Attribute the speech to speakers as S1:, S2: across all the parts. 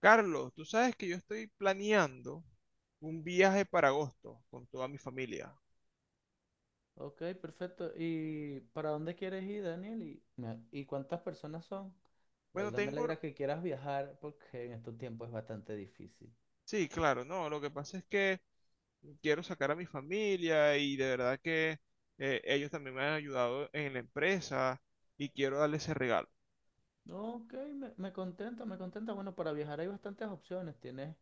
S1: Carlos, tú sabes que yo estoy planeando un viaje para agosto con toda mi familia.
S2: Ok, perfecto. ¿Y para dónde quieres ir, Daniel? ¿Y cuántas personas son? De
S1: Bueno,
S2: verdad me
S1: tengo.
S2: alegra que quieras viajar porque en estos tiempos es bastante difícil.
S1: Sí, claro, no, lo que pasa es que quiero sacar a mi familia y de verdad que ellos también me han ayudado en la empresa y quiero darles ese regalo.
S2: Ok, me contenta, me contenta. Bueno, para viajar hay bastantes opciones. Tienes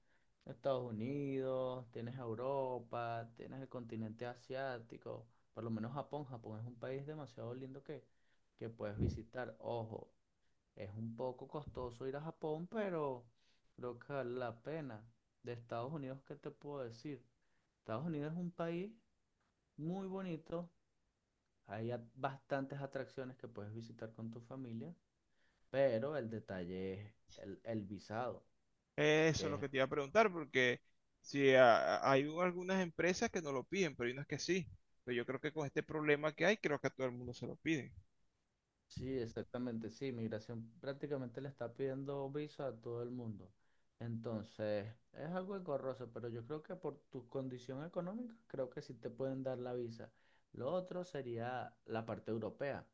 S2: Estados Unidos, tienes Europa, tienes el continente asiático, por lo menos Japón. Japón es un país demasiado lindo que puedes visitar. Ojo, es un poco costoso ir a Japón, pero creo que vale la pena. De Estados Unidos, ¿qué te puedo decir? Estados Unidos es un país muy bonito. Hay bastantes atracciones que puedes visitar con tu familia, pero el detalle es el visado,
S1: Eso es
S2: que
S1: lo
S2: es.
S1: que te iba a preguntar porque si hay algunas empresas que no lo piden, pero hay unas que sí. Pero yo creo que con este problema que hay, creo que a todo el mundo se lo piden.
S2: Sí, exactamente, sí, migración prácticamente le está pidiendo visa a todo el mundo. Entonces, es algo engorroso, pero yo creo que por tu condición económica, creo que sí te pueden dar la visa. Lo otro sería la parte europea.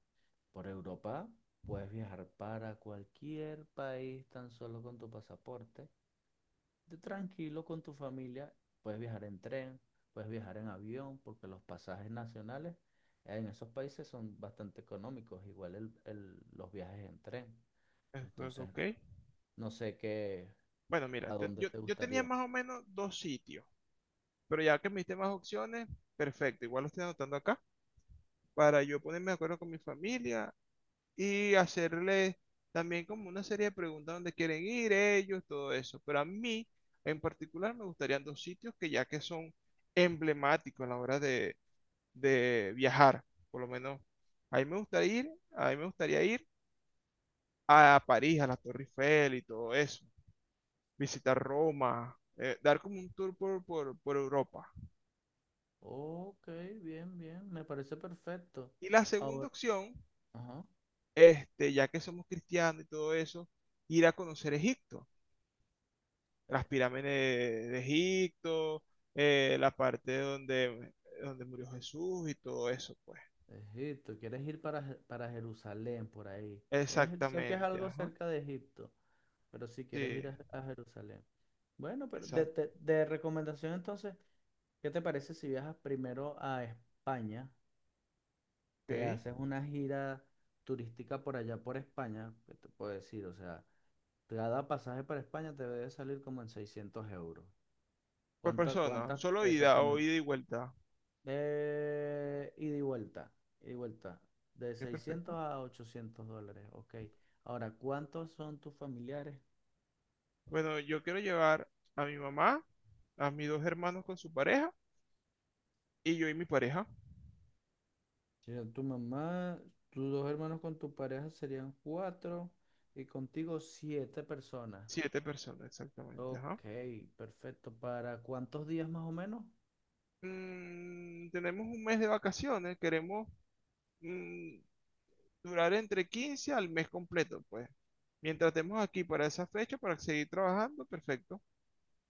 S2: Por Europa puedes viajar para cualquier país tan solo con tu pasaporte de tranquilo con tu familia. Puedes viajar en tren, puedes viajar en avión, porque los pasajes nacionales en esos países son bastante económicos, igual los viajes en tren.
S1: Creo.
S2: Entonces,
S1: Ok.
S2: no sé qué,
S1: Bueno, mira,
S2: a dónde
S1: yo,
S2: te
S1: yo tenía
S2: gustaría.
S1: más o menos dos sitios. Pero ya que me diste más opciones, perfecto. Igual lo estoy anotando acá para yo ponerme de acuerdo con mi familia y hacerle también como una serie de preguntas donde quieren ir ellos, todo eso. Pero a mí en particular me gustarían dos sitios que ya que son emblemáticos a la hora de viajar, por lo menos. Ahí me gustaría ir, ahí me gustaría ir a París, a la Torre Eiffel y todo eso. Visitar Roma, dar como un tour por Europa.
S2: Ok, bien, bien, me parece perfecto.
S1: Y la segunda
S2: Ahora,
S1: opción,
S2: ajá,
S1: ya que somos cristianos y todo eso, ir a conocer Egipto, las
S2: eh,
S1: pirámides de Egipto, la parte donde murió Jesús y todo eso, pues.
S2: Egipto, ¿quieres ir para Jerusalén, por ahí? Sé que es
S1: Exactamente,
S2: algo
S1: ajá.
S2: cerca de Egipto, pero si quieres
S1: Sí,
S2: ir a Jerusalén. Bueno, pero de,
S1: exacto.
S2: de- de recomendación entonces. ¿Qué te parece si viajas primero a España? Te
S1: Ok.
S2: haces una gira turística por allá por España. ¿Qué te puedo decir? O sea, cada pasaje para España te debe salir como en 600 euros.
S1: Por
S2: ¿Cuántas,
S1: persona,
S2: cuántas
S1: ¿solo ida o
S2: exactamente?
S1: ida y vuelta?
S2: Ida y vuelta. Ida y vuelta. De
S1: Qué
S2: seiscientos
S1: perfecto.
S2: a 800 dólares. Ok. Ahora, ¿cuántos son tus familiares?
S1: Bueno, yo quiero llevar a mi mamá, a mis dos hermanos con su pareja y yo y mi pareja.
S2: Sería tu mamá, tus dos hermanos con tu pareja serían cuatro y contigo siete personas.
S1: Siete personas, exactamente, ajá.
S2: Ok, perfecto. ¿Para cuántos días más o menos?
S1: Tenemos un mes de vacaciones, queremos mm, durar entre 15 al mes completo, pues. Mientras estemos aquí para esa fecha, para seguir trabajando, perfecto.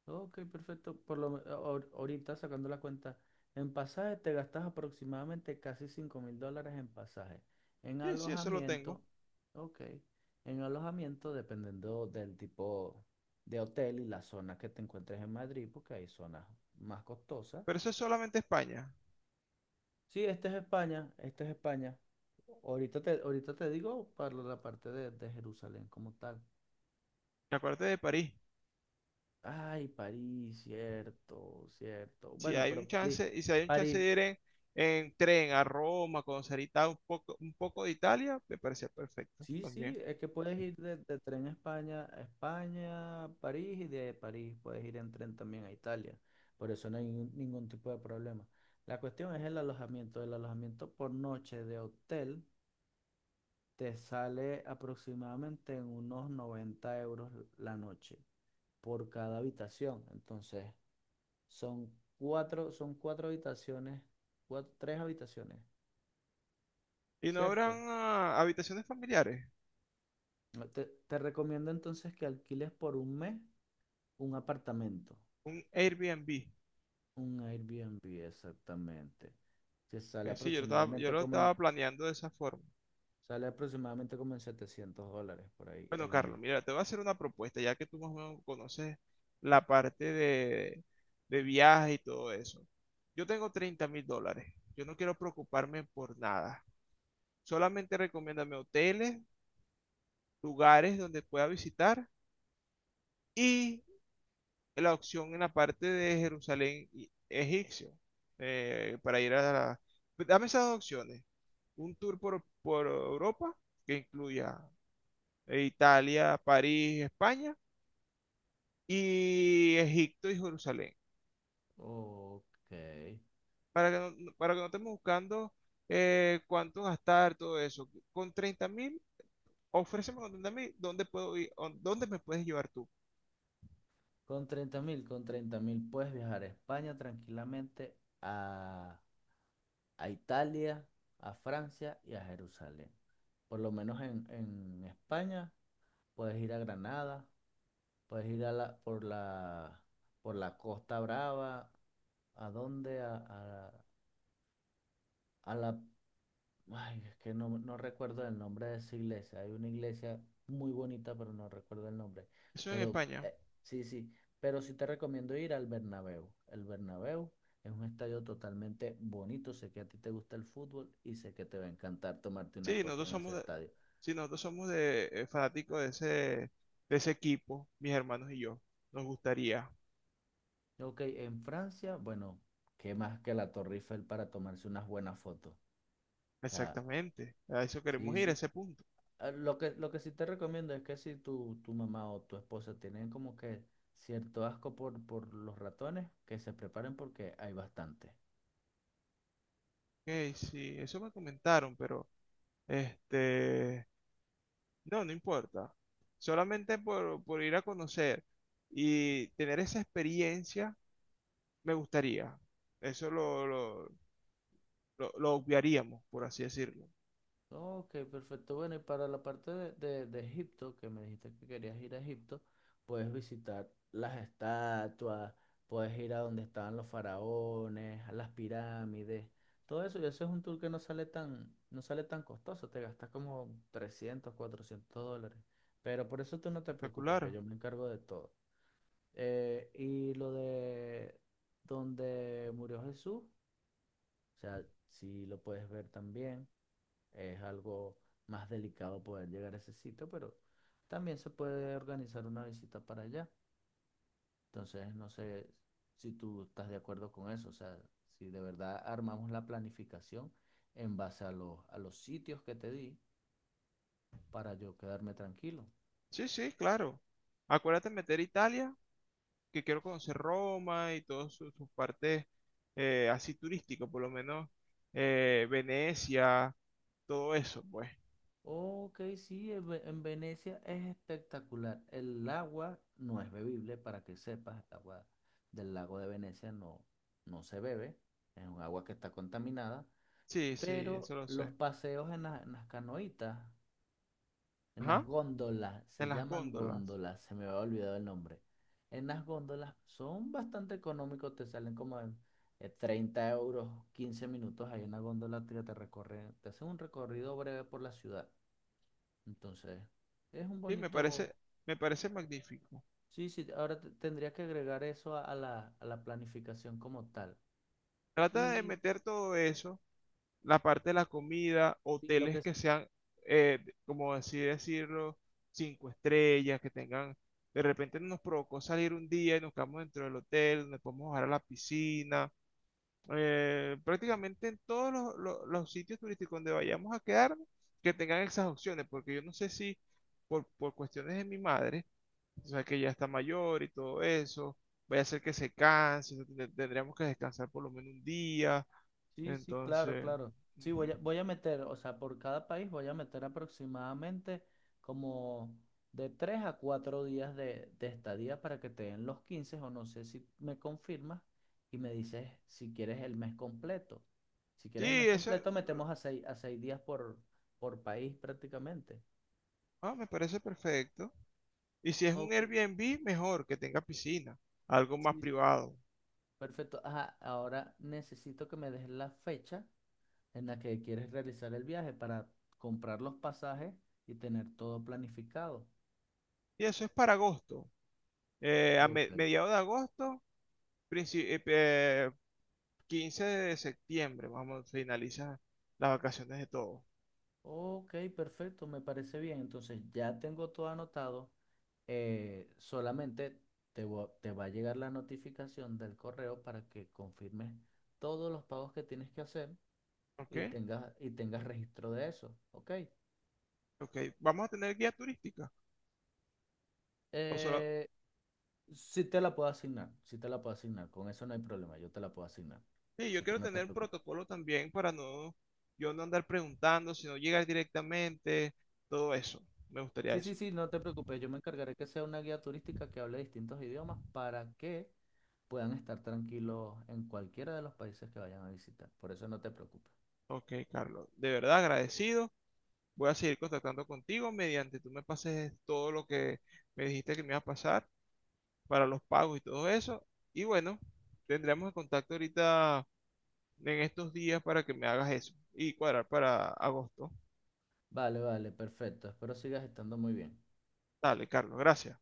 S2: Ok, perfecto. Por lo, me- ahor- Ahorita sacando la cuenta, en pasaje te gastas aproximadamente casi 5.000 dólares en pasaje. En
S1: Sí, sí, eso lo tengo.
S2: alojamiento, ok. En alojamiento, dependiendo del tipo de hotel y la zona que te encuentres en Madrid, porque hay zonas más costosas.
S1: Pero eso es solamente España.
S2: Sí, este es España, este es España. Ahorita te digo para la parte de Jerusalén como tal.
S1: Acuérdate de París.
S2: Ay, París, cierto, cierto.
S1: Si
S2: Bueno,
S1: hay un
S2: pero París,
S1: chance, y si hay un chance
S2: París,
S1: de ir en tren a Roma, conocer un poco de Italia, me parecía perfecto
S2: sí,
S1: también.
S2: sí, es que puedes ir de tren a España, París, y de París puedes ir en tren también a Italia. Por eso no hay ningún tipo de problema. La cuestión es el alojamiento. El alojamiento por noche de hotel te sale aproximadamente en unos 90 euros la noche por cada habitación. Entonces, son cuatro, son cuatro habitaciones, tres habitaciones.
S1: Y no habrán
S2: ¿Cierto?
S1: habitaciones familiares,
S2: Te recomiendo entonces que alquiles por un mes un apartamento,
S1: un Airbnb.
S2: un Airbnb exactamente, que sale
S1: Sí, yo
S2: aproximadamente
S1: lo
S2: como en,
S1: estaba planeando de esa forma.
S2: sale aproximadamente como en 700 dólares por ahí
S1: Bueno,
S2: el
S1: Carlos,
S2: mes.
S1: mira, te voy a hacer una propuesta, ya que tú más o menos conoces la parte de viaje y todo eso. Yo tengo 30.000 dólares. Yo no quiero preocuparme por nada. Solamente recomiéndame hoteles, lugares donde pueda visitar y la opción en la parte de Jerusalén egipcio, para ir a la. Dame esas dos opciones. Un tour por Europa que incluya Italia, París, España y Egipto y Jerusalén,
S2: Ok.
S1: para que para que no estemos buscando cuánto gastar, todo eso. Con 30.000, ofréceme con 30.000, ¿dónde puedo ir? ¿O dónde me puedes llevar tú?
S2: Con treinta mil puedes viajar a España tranquilamente, a, a Italia, a Francia y a Jerusalén. Por lo menos en España puedes ir a Granada. Puedes ir a la, por la, por la Costa Brava. ¿A dónde? A la... Ay, es que no recuerdo el nombre de esa iglesia. Hay una iglesia muy bonita, pero no recuerdo el nombre.
S1: Eso en
S2: Pero
S1: España.
S2: eh, sí, sí. Pero sí te recomiendo ir al Bernabéu. El Bernabéu es un estadio totalmente bonito. Sé que a ti te gusta el fútbol y sé que te va a encantar tomarte una
S1: Sí,
S2: foto
S1: nosotros
S2: en
S1: somos
S2: ese
S1: de,
S2: estadio.
S1: sí, nosotros somos de, fanáticos de ese, equipo, mis hermanos y yo. Nos gustaría,
S2: Ok, en Francia, bueno, ¿qué más que la Torre Eiffel para tomarse unas buenas fotos? O sea,
S1: exactamente, a eso queremos
S2: sí,
S1: ir, a
S2: sí.
S1: ese punto.
S2: Lo que sí te recomiendo es que si tu mamá o tu esposa tienen como que cierto asco por los ratones, que se preparen porque hay bastante.
S1: Ok, sí, eso me comentaron, pero este, no, no importa. Solamente por ir a conocer y tener esa experiencia, me gustaría. Eso lo obviaríamos, por así decirlo.
S2: Ok, perfecto. Bueno, y para la parte de Egipto, que me dijiste que querías ir a Egipto, puedes visitar las estatuas, puedes ir a donde estaban los faraones, a las pirámides, todo eso. Y eso es un tour que no sale tan costoso, te gastas como 300, 400 dólares. Pero por eso tú no te preocupes, que
S1: Espectacular.
S2: yo me encargo de todo. Y lo de donde murió Jesús, o sea, si lo puedes ver también. Es algo más delicado poder llegar a ese sitio, pero también se puede organizar una visita para allá. Entonces, no sé si tú estás de acuerdo con eso, o sea, si de verdad armamos la planificación en base a los sitios que te di para yo quedarme tranquilo.
S1: Sí, sí, claro. Acuérdate de meter Italia, que quiero conocer Roma y todas sus partes así turísticas, por lo menos, Venecia, todo eso, pues.
S2: Ok, sí, en Venecia es espectacular. El agua no es bebible, para que sepas, el agua del lago de Venecia no se bebe, es un agua que está contaminada.
S1: Sí, sí, eso
S2: Pero
S1: lo
S2: los
S1: sé.
S2: paseos en las canoitas, en las
S1: Ajá,
S2: góndolas,
S1: en
S2: se
S1: las
S2: llaman
S1: góndolas.
S2: góndolas, se me había olvidado el nombre. En las góndolas son bastante económicos, te salen como en 30 euros, 15 minutos ahí en la góndola que te recorre, te hacen un recorrido breve por la ciudad. Entonces, es un
S1: Sí,
S2: bonito.
S1: me parece magnífico.
S2: Sí, sí, ahora tendría que agregar eso a la planificación como tal.
S1: Trata de
S2: Y,
S1: meter todo eso, la parte de la comida,
S2: y lo
S1: hoteles
S2: que.
S1: que sean, eh, como así decirlo, cinco estrellas, que tengan, de repente nos provocó salir un día y nos quedamos dentro del hotel, donde podemos bajar a la piscina, prácticamente en todos los sitios turísticos donde vayamos a quedarnos, que tengan esas opciones, porque yo no sé si por cuestiones de mi madre, o sea, que ya está mayor y todo eso, vaya a ser que se canse, o sea, tendríamos que descansar por lo menos un día,
S2: Sí, sí, claro,
S1: entonces,
S2: claro. Sí,
S1: ujú.
S2: voy a meter, o sea, por cada país voy a meter aproximadamente como de 3 a 4 días de estadía para que te den los 15 o no sé si me confirmas y me dices si quieres el mes completo. Si quieres el
S1: Sí,
S2: mes
S1: eso
S2: completo, metemos a seis días por país prácticamente.
S1: me parece perfecto. Y si es un
S2: Ok,
S1: Airbnb, mejor que tenga piscina, algo más
S2: sí, sí.
S1: privado.
S2: Perfecto. Ajá, ahora necesito que me des la fecha en la que quieres realizar el viaje para comprar los pasajes y tener todo planificado.
S1: Y eso es para agosto, a
S2: Ok.
S1: mediados de agosto, princi- eh, eh, 15 de septiembre, vamos, finaliza las vacaciones de todos,
S2: Ok, perfecto, me parece bien. Entonces ya tengo todo anotado. Solamente te va a llegar la notificación del correo para que confirmes todos los pagos que tienes que hacer
S1: ¿ok?
S2: y tengas registro de eso. Ok.
S1: Ok, ¿vamos a tener guía turística? ¿O solo,
S2: Eh, sí te la puedo asignar, sí te la puedo asignar. Con eso no hay problema, yo te la puedo asignar.
S1: sí, yo
S2: Así que
S1: quiero
S2: no te
S1: tener un
S2: preocupes.
S1: protocolo también para no, yo no andar preguntando, sino llegar directamente, todo eso. Me gustaría
S2: Sí,
S1: eso.
S2: sí, sí, no te preocupes, yo me encargaré que sea una guía turística que hable distintos idiomas para que puedan estar tranquilos en cualquiera de los países que vayan a visitar. Por eso no te preocupes.
S1: Ok, Carlos, de verdad agradecido. Voy a seguir contactando contigo mediante tú me pases todo lo que me dijiste que me iba a pasar para los pagos y todo eso. Y bueno, tendremos el contacto ahorita en estos días para que me hagas eso y cuadrar para agosto.
S2: Vale, vale, perfecto. Espero sigas estando muy bien.
S1: Dale, Carlos, gracias.